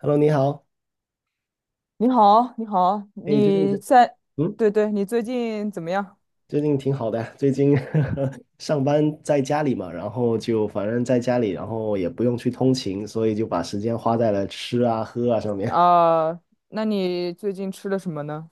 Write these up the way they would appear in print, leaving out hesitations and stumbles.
Hello，你好。你好，你好，哎，嗯，对对，你最近怎么样？最近挺好的。最近 上班在家里嘛，然后就反正在家里，然后也不用去通勤，所以就把时间花在了吃啊、喝啊上面。啊、那你最近吃了什么呢？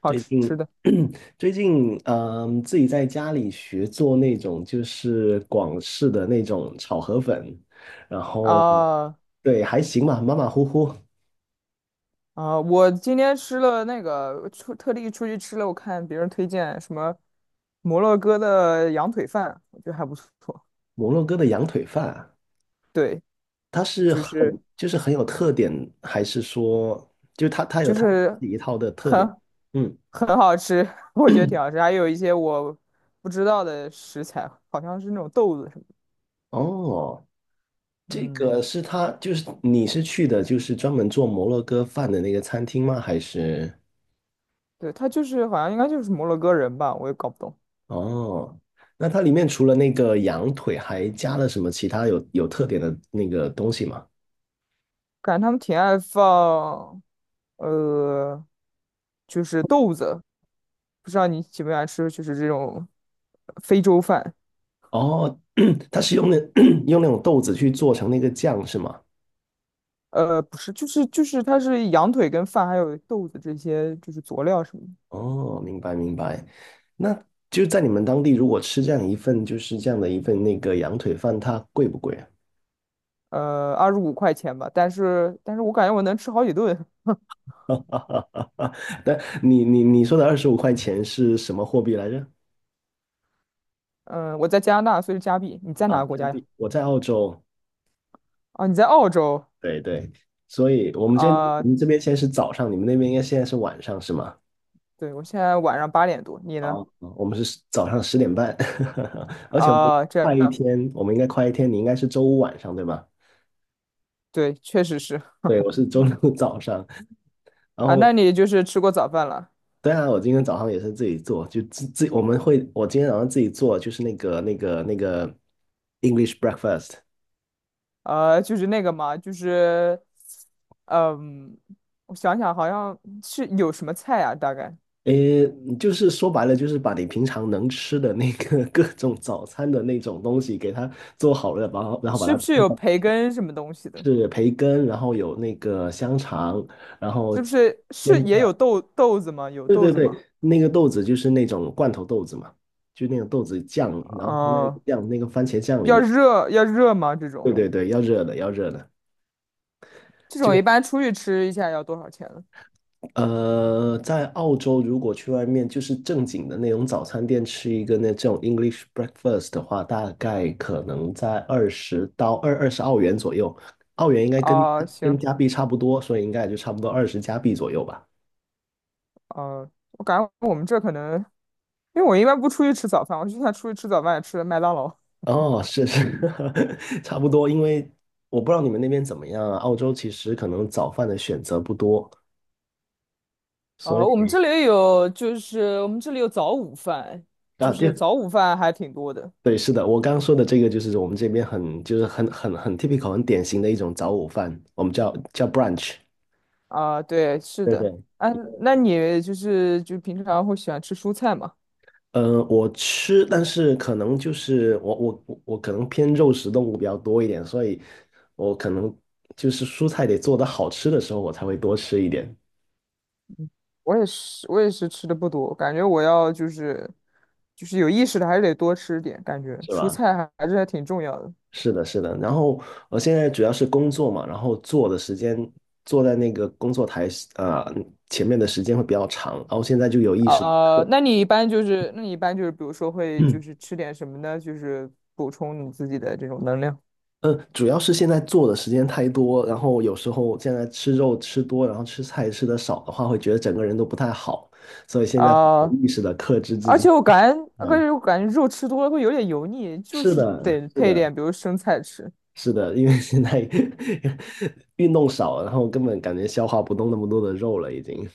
好最吃吃近 的 最近自己在家里学做那种就是广式的那种炒河粉，然后啊对，还行吧，马马虎虎。啊、我今天吃了那个出特地出去吃了，我看别人推荐什么摩洛哥的羊腿饭，我觉得还不错。摩洛哥的羊腿饭啊，对，它是就很是就是很有特点，还是说就是它有就它自是己一套的特很点？嗯。很好吃，我觉得挺好吃，还有一些我不知道的食材，好像是那种豆子什么的。哦，这嗯。个是它就是你是去的就是专门做摩洛哥饭的那个餐厅吗？对，他就是好像应该就是摩洛哥人吧，我也搞不懂，哦，那它里面除了那个羊腿，还加了什么其他有特点的那个东西吗？感觉他们挺爱放，呃，就是豆子，不知道你喜不喜欢吃，就是这种非洲饭，哦，它是用那 用那种豆子去做成那个酱是吗？不是，就是它是羊腿跟饭还有豆子这些就是佐料什么的，哦，明白明白。那就在你们当地，如果吃这样一份，就是这样的一份那个羊腿饭，它贵不贵啊？25块钱吧，但是我感觉我能吃好几顿，但你说的25块钱是什么货币来着？嗯、我在加拿大，所以是加币，你在哪啊，个国加家呀？币。我在澳洲，啊，你在澳洲对对。所以我啊、们这边现在是早上，你们那边应该现在是晚上是吗？对，我现在晚上8点多，你啊，呢？我们是早上10点半。而且我们啊、这快一样。天，我们应该快一天，你应该是周五晚上对吧？对，确实是。对，我是周六早上，然啊，后那你就是吃过早饭了？对啊，我今天早上也是自己做，就自自我们会，我今天早上自己做，就是那个 English breakfast。就是那个嘛，就是，嗯，我想想，好像是有什么菜啊？大概诶，就是说白了，就是把你平常能吃的那个 各种早餐的那种东西给它做好了，然后然后把是它不是有培根什么东西的？是培根，然后有那个香肠，然后是不是是煎也有蛋。豆子吗？有对豆对子吗？对，那个豆子就是那种罐头豆子嘛，就那种豆子酱，然后放在那个嗯、酱那个番茄酱里要面。热要热吗？这对种对对，要热的要热的。这种就。一般出去吃一下要多少钱呢？在澳洲，如果去外面就是正经的那种早餐店吃一个那这种 English breakfast 的话，大概可能在二十到二十澳元左右，澳元应该跟啊、行，跟加币差不多，所以应该也就差不多20加币左右吧。嗯，我感觉我们这可能，因为我一般不出去吃早饭，我就算出去吃早饭也吃麦当劳。哦，是是，差不多。因为我不知道你们那边怎么样啊，澳洲其实可能早饭的选择不多，所我们这以里有，就是我们这里有早午饭，啊，就是对，早午饭还挺多的对，是的，我刚刚说的这个就是我们这边就是很 typical， 很典型的一种早午饭，我们叫 brunch。啊。对，是对的。对。啊，那你就是就平常会喜欢吃蔬菜吗？我吃，但是可能就是我可能偏肉食动物比较多一点，所以我可能就是蔬菜得做的好吃的时候，我才会多吃一点，我也是，吃的不多，感觉我要就是有意识的还是得多吃点，感觉是蔬吧？菜还是还挺重要的。是的，是的。然后我现在主要是工作嘛，然后坐的时间坐在那个工作台呃前面的时间会比较长，然后现在就有意识的，啊，课。那你一般比如说会就是 吃点什么呢？就是补充你自己的这种能量嗯，主要是现在做的时间太多，然后有时候现在吃肉吃多，然后吃菜吃的少的话，会觉得整个人都不太好，所以现在会有啊。意识的克制自而且己。我感觉，哎，肉吃多了会有点油腻，就是是的，得是配的，点，比如生菜吃是的，因为现在 运动少了然后根本感觉消化不动那么多的肉了，已经。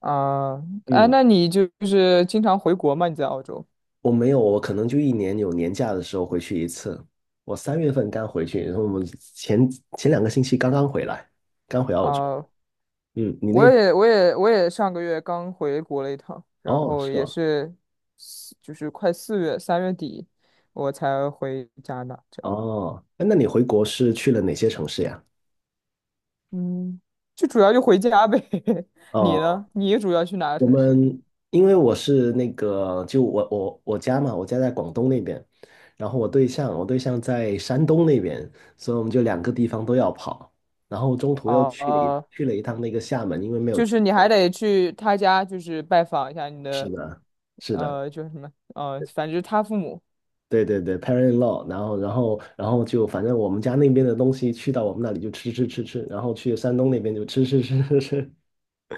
啊。哎，嗯，那你就是经常回国吗？你在澳洲我没有，我可能就一年有年假的时候回去一次。我3月份刚回去，然后我们前前2个星期刚刚回来，刚回澳洲。啊？嗯，我也上个月刚回国了一趟，然哦，后是也吧？是就是快4月，3月底我才回加拿大，这样。哦，哎那你回国是去了哪些城市呀？嗯，就主要就回家呗。你哦，呢？你主要去哪个我城市？们因为我是那个，就我家嘛，我家在广东那边，然后我对象在山东那边，所以我们就两个地方都要跑，然后中途又哦、去了一趟那个厦门，因为没有就去是你还过。得去他家，就是拜访一下你是的，的，是的，就是什么，反正就是他父母，对对对，parent-in-law，然后就反正我们家那边的东西去到我们那里就吃吃吃吃，然后去山东那边就吃吃吃吃吃，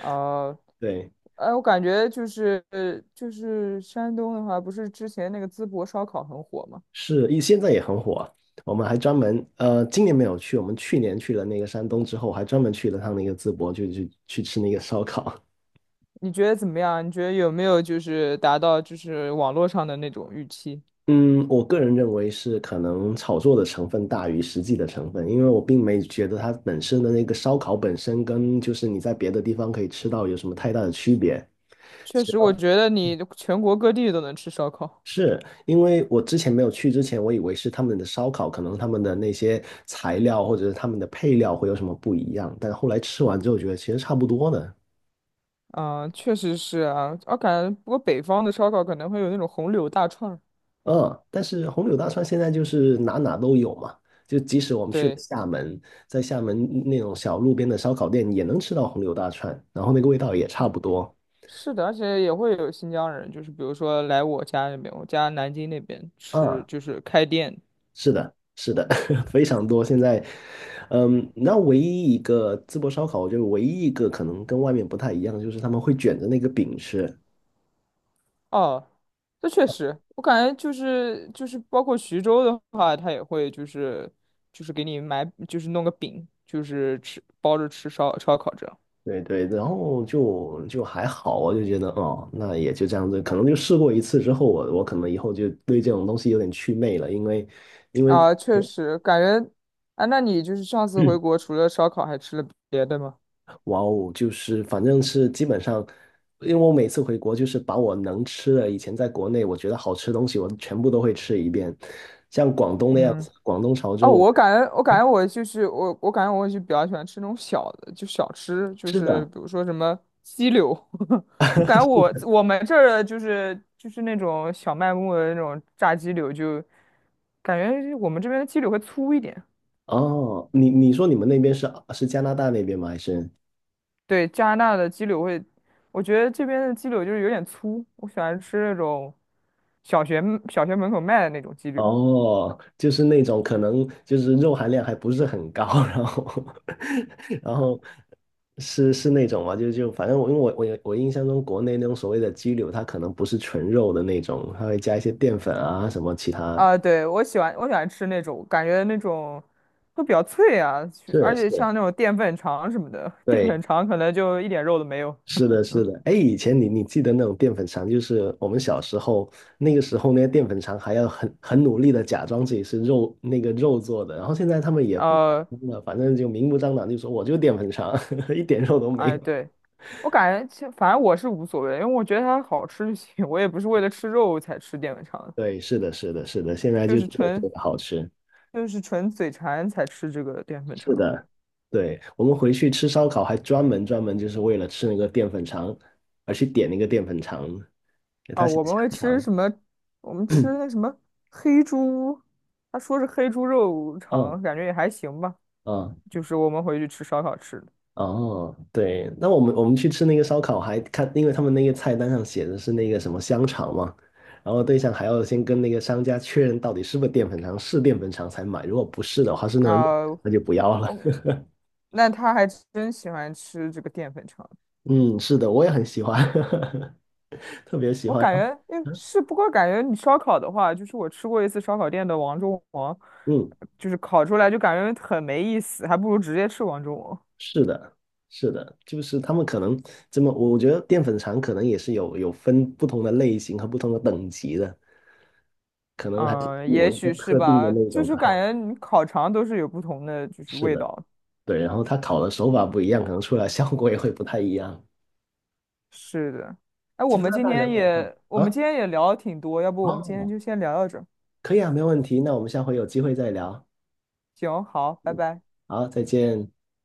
呃，对。哎，我感觉就是山东的话，不是之前那个淄博烧烤很火吗？是，现在也很火啊。我们还专门，今年没有去，我们去年去了那个山东之后，还专门去了趟那个淄博，就去吃那个烧烤。你觉得怎么样？你觉得有没有就是达到就是网络上的那种预期？嗯，我个人认为是可能炒作的成分大于实际的成分，因为我并没觉得它本身的那个烧烤本身跟就是你在别的地方可以吃到有什么太大的区别。确实，我觉得你全国各地都能吃烧烤，是，因为我之前没有去之前，我以为是他们的烧烤，可能他们的那些材料或者是他们的配料会有什么不一样，但后来吃完之后觉得其实差不多的。嗯、确实是啊，我感觉不过北方的烧烤可能会有那种红柳大串儿嗯，但是红柳大串现在就是哪哪都有嘛，就即使我们去了对。厦门，在厦门那种小路边的烧烤店也能吃到红柳大串，然后那个味道也差不多。是的，而且也会有新疆人，就是比如说来我家那边，我家南京那边吃，啊，就是开店。是的，是的，非常多。现在，那唯一一个淄博烧烤，就觉得唯一一个可能跟外面不太一样，就是他们会卷着那个饼吃，哦，这确实，我感觉就是包括徐州的话，他也会就是给你买，就是弄个饼，就是吃包着吃烧烤这样。对对，然后就还好，我就觉得哦，那也就这样子，可能就试过一次之后，我可能以后就对这种东西有点祛魅了。因为因为啊，确实感觉啊，那你就是上次回嗯国除了烧烤还吃了别的吗？哇哦，就是反正是基本上，因为我每次回国就是把我能吃的，以前在国内我觉得好吃的东西，我全部都会吃一遍。像广东那样嗯。子，广东潮哦，州。我感觉，我感觉我就是我，我感觉我就比较喜欢吃那种小的，就小吃，就是是的。比如说什么鸡柳，感觉我们这儿的就是那种小卖部的那种炸鸡柳就，感觉我们这边的鸡柳会粗一点。哦，你说你们那边是加拿大那边吗？还是？对，加拿大的鸡柳会，我觉得这边的鸡柳就是有点粗，我喜欢吃那种小学小学门口卖的那种鸡柳。哦，就是那种可能就是肉含量还不是很高，然后 然后是那种嘛，就反正我，因为我印象中国内那种所谓的鸡柳，它可能不是纯肉的那种，它会加一些淀粉啊什么其他。啊，对，我喜欢吃那种，感觉那种都比较脆啊，是而且是，像那种淀粉肠什么的，淀对，粉肠可能就一点肉都没有。是的，是的。哎，以前你记得那种淀粉肠，就是我们小时候那个时候，那些淀粉肠还要很努力的假装自己是肉那个肉做的，然后现在他们也不敢呃，了，反正就明目张胆就说我就淀粉肠，一点肉都没哎，有。对，我感觉其实反正我是无所谓，因为我觉得它好吃就行，我也不是为了吃肉才吃淀粉肠的，对，是的，是的，是的，现在就就是真的觉纯得好吃。嘴馋才吃这个淀粉是肠。的。对，我们回去吃烧烤还专门就是为了吃那个淀粉肠而去点那个淀粉肠，给它啊，写我们香会吃肠。什么？我们吃 那 什么黑猪，他说是黑猪肉嗯肠，感觉也还行吧，嗯。就是我们回去吃烧烤吃的。哦，对，那我们去吃那个烧烤，还看，因为他们那个菜单上写的是那个什么香肠嘛，然后对象还要先跟那个商家确认到底是不是淀粉肠，是淀粉肠才买，如果不是的话，是那种肉啊、那就不要了。哦，那他还真喜欢吃这个淀粉肠。嗯，是的，我也很喜欢，特别喜我欢。感觉，诶，是，不过感觉你烧烤的话，就是我吃过一次烧烤店的王中王，嗯，就是烤出来就感觉很没意思，还不如直接吃王中王。是的，是的，就是他们可能这么，我觉得淀粉肠可能也是有分不同的类型和不同的等级的，可能还是嗯，也某一个许是特定的吧，那种就才是好。感觉你烤肠都是有不同的就是是味的。道。对，然后它烤的手法不一样，可能出来效果也会不太一样。是的，哎，我加们拿今大能天买到也我们啊？今天也聊了挺多，要不我们今天哦，就先聊到这儿。可以啊，没问题。那我们下回有机会再聊。行，好，拜嗯，拜。好，再见。